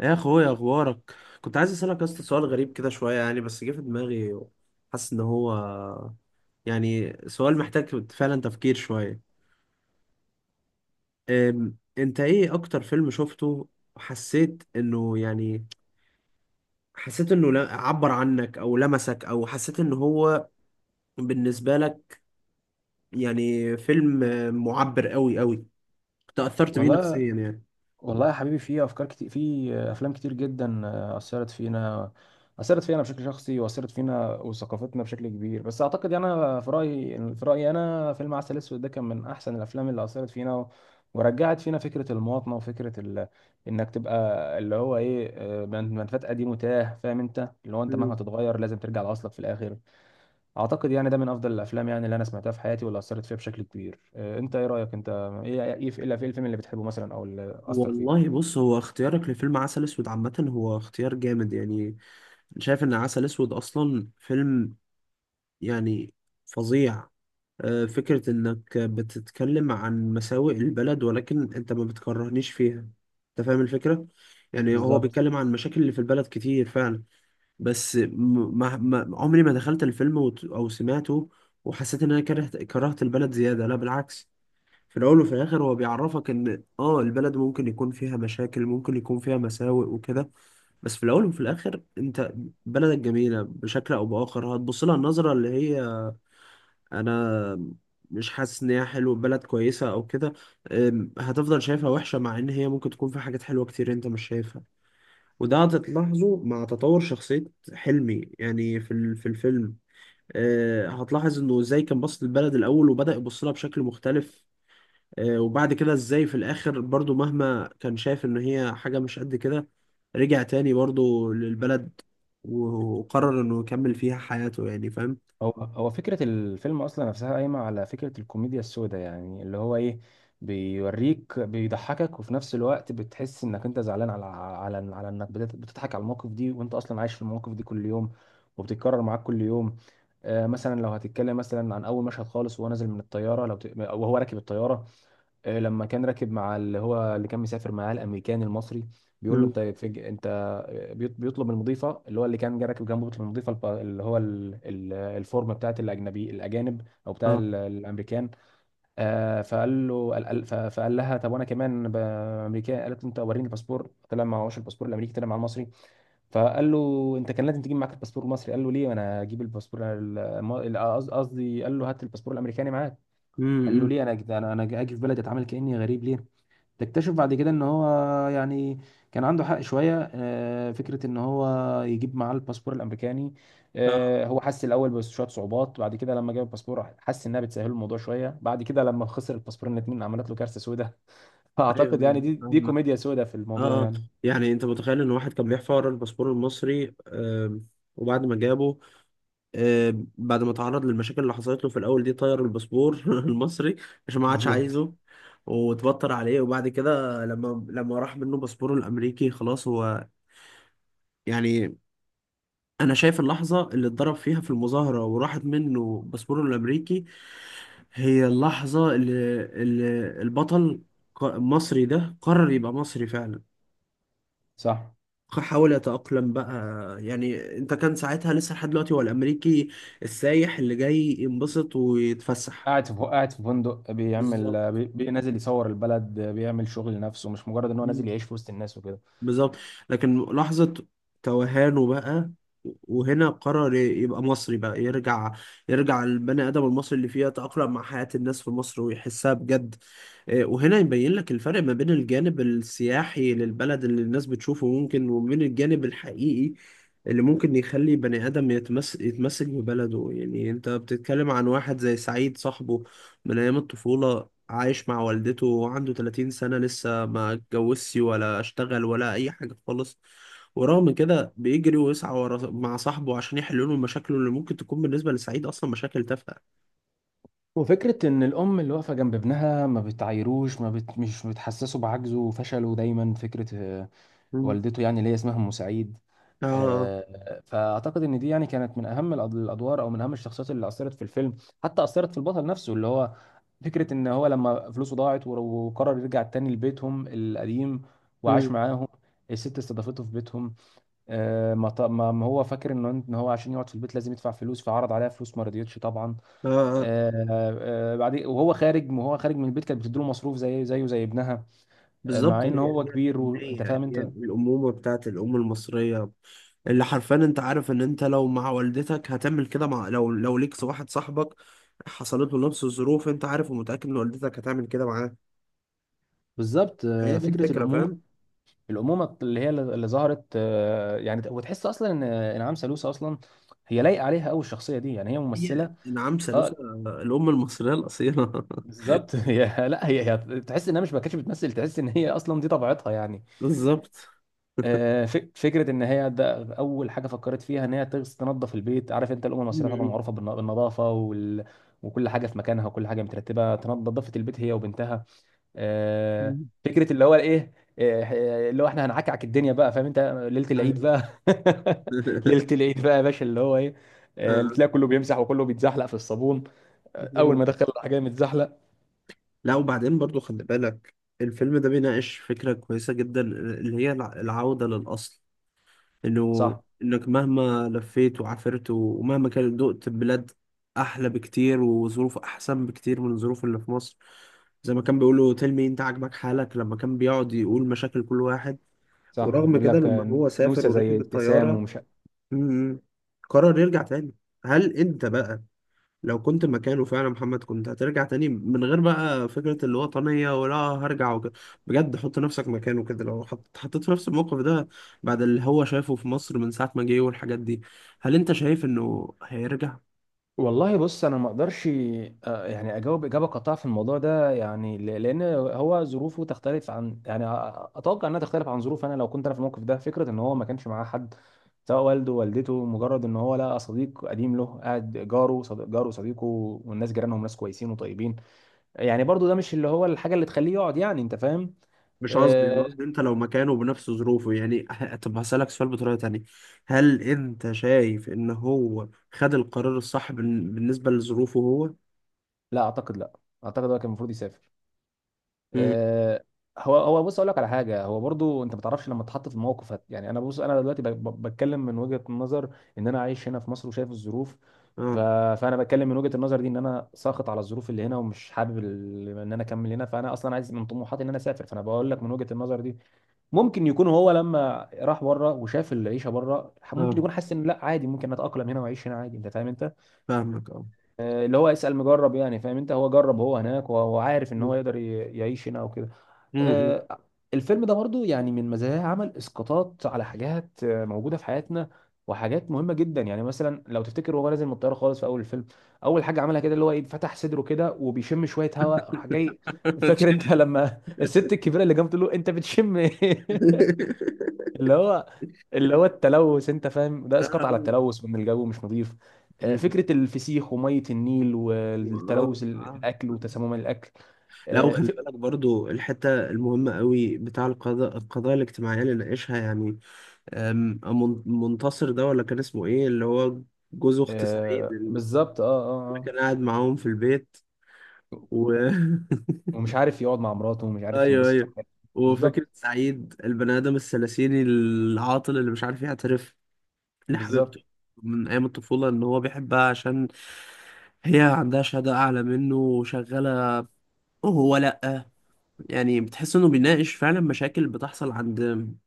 يا اخويا اخبارك. كنت عايز اسالك يا اسطى سؤال غريب كده شويه يعني، بس جه في دماغي. حاسس ان هو يعني سؤال محتاج فعلا تفكير شويه. انت ايه اكتر فيلم شفته وحسيت انه يعني، حسيت انه عبر عنك او لمسك او حسيت ان هو بالنسبه لك يعني فيلم معبر قوي قوي، تاثرت بيه والله نفسيا يعني. والله يا حبيبي في افكار كتير في افلام كتير جدا اثرت فينا بشكل شخصي واثرت فينا وثقافتنا بشكل كبير. بس اعتقد يعني انا في رايي انا فيلم عسل اسود ده كان من احسن الافلام اللي اثرت فينا ورجعت فينا فكره المواطنه وفكره انك تبقى اللي هو ايه، منفات قديم وتاه، فاهم انت؟ اللي هو انت مهما مم. تتغير لازم ترجع لاصلك في الاخر. اعتقد يعني ده من افضل الافلام يعني اللي انا سمعتها في حياتي واللي اثرت فيها بشكل كبير. انت ايه رايك انت؟ ايه ايه إيه الفيلم اللي بتحبه مثلا او اللي اثر فيك؟ والله بص، هو اختيارك لفيلم عسل اسود عامه هو اختيار جامد يعني. شايف ان عسل اسود اصلا فيلم يعني فظيع. فكرة انك بتتكلم عن مساوئ البلد، ولكن انت ما بتكرهنيش فيها. انت فاهم الفكرة؟ يعني هو بالظبط. بيتكلم عن مشاكل اللي في البلد كتير فعلا. بس ما عمري ما دخلت الفيلم او سمعته وحسيت ان انا كرهت كرهت البلد زيادة، لا بالعكس. في الأول وفي الآخر هو بيعرفك إن البلد ممكن يكون فيها مشاكل، ممكن يكون فيها مساوئ وكده. بس في الأول وفي الآخر أنت بلدك جميلة. بشكل أو بآخر هتبص لها النظرة اللي هي، أنا مش حاسس إن هي حلوة، بلد كويسة أو كده. هتفضل شايفها وحشة مع إن هي ممكن تكون في حاجات حلوة كتير أنت مش شايفها. وده هتلاحظه مع تطور شخصية حلمي يعني في الفيلم. هتلاحظ إنه إزاي كان باصص للبلد الأول وبدأ يبص لها بشكل مختلف. وبعد كده ازاي في الاخر برضو مهما كان شايف ان هي حاجة مش قد كده، رجع تاني برضو للبلد وقرر انه يكمل فيها حياته، يعني فاهم؟ هو فكرة الفيلم أصلا نفسها قايمة على فكرة الكوميديا السوداء، يعني اللي هو إيه، بيوريك بيضحكك وفي نفس الوقت بتحس إنك أنت زعلان على إنك بتضحك على المواقف دي وأنت أصلا عايش في المواقف دي كل يوم وبتتكرر معاك كل يوم. آه، مثلا لو هتتكلم مثلا عن أول مشهد خالص وهو نازل من الطيارة، وهو راكب الطيارة، آه لما كان راكب مع اللي هو اللي كان مسافر معاه الأمريكان المصري، بيقول له مم. أنت، بيطلب من المضيفه اللي هو اللي كان جاي راكب جنبه، بيطلب من المضيفه اللي هو الفورم بتاعت الاجانب او بتاع اه، الامريكان. آه، فقال له، فقال لها طب وانا كمان امريكان. قالت له انت وريني الباسبور، طلع معهوش الباسبور الامريكي، طلع مع المصري. فقال له انت كان لازم تجيب معاك الباسبور المصري. قال له ليه انا اجيب قصدي، قال له هات الباسبور الامريكاني معاك. قال له امم، ليه انا انا اجي في بلدي اتعامل كاني غريب ليه؟ تكتشف بعد كده ان هو يعني كان عنده حق شويه، آه، فكره ان هو يجيب معاه الباسبور الامريكاني. اه، آه، هو حس الاول بشويه صعوبات، بعد كده لما جاب الباسبور حس انها بتسهل الوضع شويه، بعد كده لما خسر الباسبور الاتنين عملت له كارثه سوداء. فاعتقد ايوه يعني دي فاهمة. كوميديا سوداء في الموضوع اه، اه. يعني. يعني انت متخيل ان واحد كان بيحفر ورا الباسبور المصري؟ وبعد ما جابه، بعد ما تعرض للمشاكل اللي حصلت له في الاول دي، طير الباسبور المصري عشان ما عادش بالظبط، عايزه وتبطر عليه. وبعد كده، لما راح منه باسبوره الامريكي، خلاص هو يعني. انا شايف اللحظه اللي اتضرب فيها في المظاهره وراحت منه باسبوره الامريكي، هي اللحظه اللي البطل المصري ده قرر يبقى مصري فعلا. صح. حاول يتأقلم بقى. يعني انت كان ساعتها لسه لحد دلوقتي هو الامريكي، السايح اللي جاي ينبسط ويتفسح. قاعد في فندق بالظبط. بيعمل نازل يصور البلد، بيعمل شغل لنفسه مش مجرد ان هو نازل يعيش في وسط الناس وكده. بالظبط. لكن لحظة توهانه بقى، وهنا قرر يبقى مصري بقى. يرجع يرجع البني آدم المصري اللي فيه يتأقلم مع حياة الناس في مصر ويحسها بجد. إيه، وهنا يبين لك الفرق ما بين الجانب السياحي للبلد اللي الناس بتشوفه ممكن، وبين الجانب الحقيقي اللي ممكن يخلي بني آدم يتمسك ببلده. يعني انت بتتكلم عن واحد زي سعيد، صاحبه من أيام الطفولة عايش مع والدته وعنده 30 سنة لسه ما اتجوزش ولا اشتغل ولا أي حاجة خالص. ورغم كده بيجري ويسعى ورا مع صاحبه عشان يحلوا له مشاكله، اللي ممكن تكون بالنسبة لسعيد أصلا مشاكل تافهة. وفكرة إن الأم اللي واقفة جنب ابنها ما بتعايروش، ما بت... مش بتحسسه بعجزه وفشله دايما، فكرة، آه، مم. والدته يعني اللي هي اسمها أم سعيد. اه، اه. آه، فأعتقد إن دي يعني كانت من أهم الأدوار أو من أهم الشخصيات اللي أثرت في الفيلم، حتى أثرت في البطل نفسه اللي هو فكرة إن هو لما فلوسه ضاعت وقرر يرجع تاني لبيتهم القديم وعاش مم. معاهم. الست استضافته في بيتهم. آه، ما ط- ما ما هو فاكر إن هو عشان يقعد في البيت لازم يدفع فلوس، فعرض عليها فلوس ما رضيتش طبعا. اه، اه. آه، آه، بعدين وهو خارج من البيت كانت بتديله مصروف زي زي ابنها. آه، بالظبط، مع هي ان هو هي كبير، وانت الحنية، فاهم هي انت. الأمومة بتاعت الأم المصرية. اللي حرفيا أنت عارف إن أنت لو مع والدتك هتعمل كده، مع لو ليك واحد صاحبك حصلت له نفس الظروف، أنت عارف ومتأكد إن والدتك هتعمل كده معاه. بالظبط. هي آه، دي الفكرة، الامومه، فاهم؟ الامومه اللي هي اللي ظهرت، آه، يعني وتحس اصلا ان انعام سالوسة اصلا هي لايقه عليها قوي الشخصيه دي، يعني هي هي ممثله. نعم اه سالوسة، الأم المصرية الأصيلة. بالظبط. هي لا هي, هي تحس انها مش، ما كانتش بتمثل، تحس ان هي اصلا دي طبيعتها يعني. بالظبط. آه، فكره ان هي ده اول حاجه فكرت فيها ان هي تنظف البيت. عارف انت، الامم المصريه طبعا مم. معروفه بالنظافه وكل حاجه في مكانها وكل حاجه مترتبه، نظفت البيت هي وبنتها. آه، مم. فكره اللي هو الايه، آه، آه، اللي هو احنا هنعكعك الدنيا بقى، فاهم انت؟ ليله العيد أيوة. بقى، ليله العيد بقى يا باشا، اللي هو ايه، آه، آه. تلاقي كله بيمسح وكله بيتزحلق في الصابون. آه، اول ما دخل الحاجه متزحلق. لا وبعدين برضو خلي بالك، الفيلم ده بيناقش فكرة كويسة جدا، اللي هي العودة للأصل. صح، إنك مهما لفيت وعافرت ومهما كان دقت بلاد أحلى بكتير وظروف أحسن بكتير من الظروف اللي في مصر، زي ما كان بيقولوا، تلمي أنت عاجبك حالك لما كان بيقعد يقول مشاكل كل واحد. صح. ورغم بقول كده لك، لما آه، هو سافر نوسه زي وركب ابتسام الطيارة، ومش. مم، قرر يرجع تاني. هل انت بقى، لو كنت مكانه فعلا، محمد، كنت هترجع تاني من غير بقى فكرة الوطنية، ولا هرجع وكده؟ بجد حط نفسك مكانه كده، لو حطيت في نفس الموقف ده بعد اللي هو شايفه في مصر من ساعة ما جه والحاجات دي، هل انت شايف انه هيرجع؟ والله بص، انا ما اقدرش، آه، يعني اجاوب اجابه قاطعه في الموضوع ده يعني، لان هو ظروفه تختلف عن، يعني اتوقع انها تختلف عن ظروف انا لو كنت انا في الموقف ده. فكره ان هو ما كانش معاه حد، سواء والدته، مجرد ان هو لقى صديق قديم له قاعد جاره، صديق جاره، صديقه، والناس جيرانهم ناس كويسين وطيبين. يعني برضو ده مش اللي هو الحاجه اللي تخليه يقعد، يعني انت فاهم. مش قصدي، انا آه، قصدي انت لو مكانه بنفس ظروفه يعني. طب هسألك سؤال بطريقة تانية، هل انت شايف ان هو خد القرار الصح بالنسبة لظروفه هو؟ لا اعتقد لا، اعتقد هو كان المفروض يسافر. مم. آه، هو بص اقول لك على حاجه، هو برضو انت ما تعرفش لما تتحط في الموقف يعني انا بص، انا دلوقتي بتكلم من وجهه نظر ان انا عايش هنا في مصر وشايف الظروف، ف... اه، فانا بتكلم من وجهه النظر دي ان انا ساخط على الظروف اللي هنا ومش حابب ان انا اكمل هنا، فانا اصلا عايز من طموحاتي ان انا اسافر، فانا بقول لك من وجهه النظر دي. ممكن يكون هو لما راح بره وشاف العيشه بره ممكن اه. يكون حاسس ان لا عادي، ممكن اتاقلم هنا واعيش هنا عادي، انت فاهم انت. فاهمك، اه. آه، اللي هو اسال مجرب، يعني فاهم انت، هو جرب هو هناك وهو عارف ان مم. هو يقدر يعيش هنا وكده. آه. آه، الفيلم ده برضو يعني من مزاياه عمل اسقاطات على حاجات، آه، موجوده في حياتنا وحاجات مهمه جدا. يعني مثلا لو تفتكر وهو نازل من الطياره خالص في اول الفيلم، اول حاجه عملها كده اللي هو ايه، فتح صدره كده وبيشم شويه هواء راح جاي. فاكر انت لما الست الكبيره اللي جنبه تقول له انت بتشم ايه؟ اللي هو اللي هو التلوث، انت فاهم، ده اسقاط على آه. التلوث وان الجو مش نظيف. آه، مم. فكره الفسيخ وميه النيل والله والتلوث، آه. الاكل وتسمم الاكل. لا وخلي بالك برضو، الحتة المهمة قوي بتاع القضاء، القضايا الاجتماعية اللي ناقشها يعني. منتصر ده، ولا كان اسمه ايه، اللي هو جوز اخت سعيد آه اللي بالظبط، اه اه كان قاعد معاهم في البيت اه. و ومش عارف يقعد مع مراته ومش عارف ايوه، ينبسط في ايوه. حياته. بالظبط. وفكرة سعيد، البني آدم الثلاثيني العاطل اللي مش عارف يعترف ليه بالظبط. حبيبته من أيام الطفولة إن هو بيحبها، عشان هي عندها شهادة أعلى منه وشغالة وهو لأ. يعني بتحس إنه بيناقش فعلا مشاكل بتحصل عند.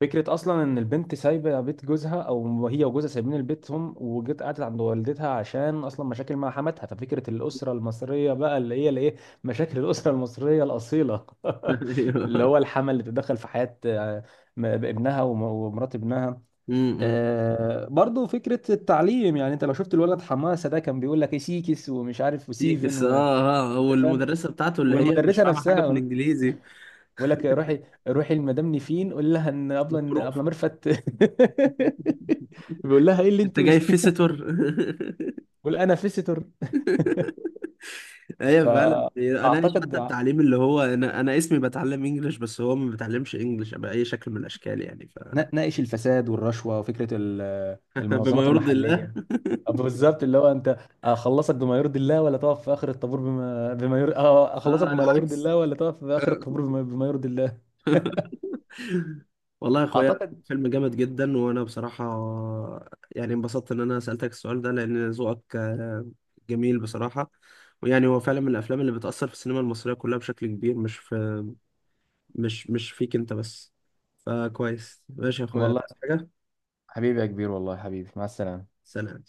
فكرة أصلا إن البنت سايبة بيت جوزها، أو هي وجوزها سايبين البيت، هم وجت قعدت عند والدتها عشان أصلا مشاكل مع حماتها، ففكرة الأسرة المصرية بقى اللي هي الإيه، مشاكل الأسرة المصرية الأصيلة. اللي أيوه. هو الحما اللي تتدخل في حياة، آه، ابنها ومرات ابنها. م-م. آه برضو فكرة التعليم، يعني انت لو شفت الولد حماسة ده كان بيقول لك ايه سيكس ومش عارف فيكس، وسيفن، آه آه، انت فاهم. والمدرسة بتاعته اللي هي مش والمدرسه فاهمة حاجة في نفسها الإنجليزي. بقول لك روحي لمدام نيفين قول لها ان بروف. ابله ميرفت، بيقول لها ايه اللي أنت انت جاي قلتيه ده؟ فيسيتور. بقول انا فيستور. أيوه فعلا، أناقش فاعتقد حتى التعليم، اللي هو، أنا اسمي بتعلم إنجلش بس هو ما بيتعلمش إنجلش بأي شكل من الأشكال، يعني ناقش الفساد والرشوه وفكره بما المنظمات يرضي الله. المحليه. بالظبط. اللي هو انت اخلصك بما يرضي الله ولا تقف في اخر الطابور بما يرضي، اه اخلصك اه، بما لا يرضي العكس. الله ولا تقف في اخر الطابور بما يرضي الله. والله يا اخويا، اعتقد، فيلم جامد جدا، وانا بصراحه يعني انبسطت ان انا سالتك السؤال ده، لان ذوقك جميل بصراحه. ويعني هو فعلا من الافلام اللي بتاثر في السينما المصريه كلها بشكل كبير، مش فيك انت بس. فكويس، ماشي يا اخويا، والله عايز حاجه؟ حبيبي يا كبير، والله حبيبي، مع السلامه. سلام.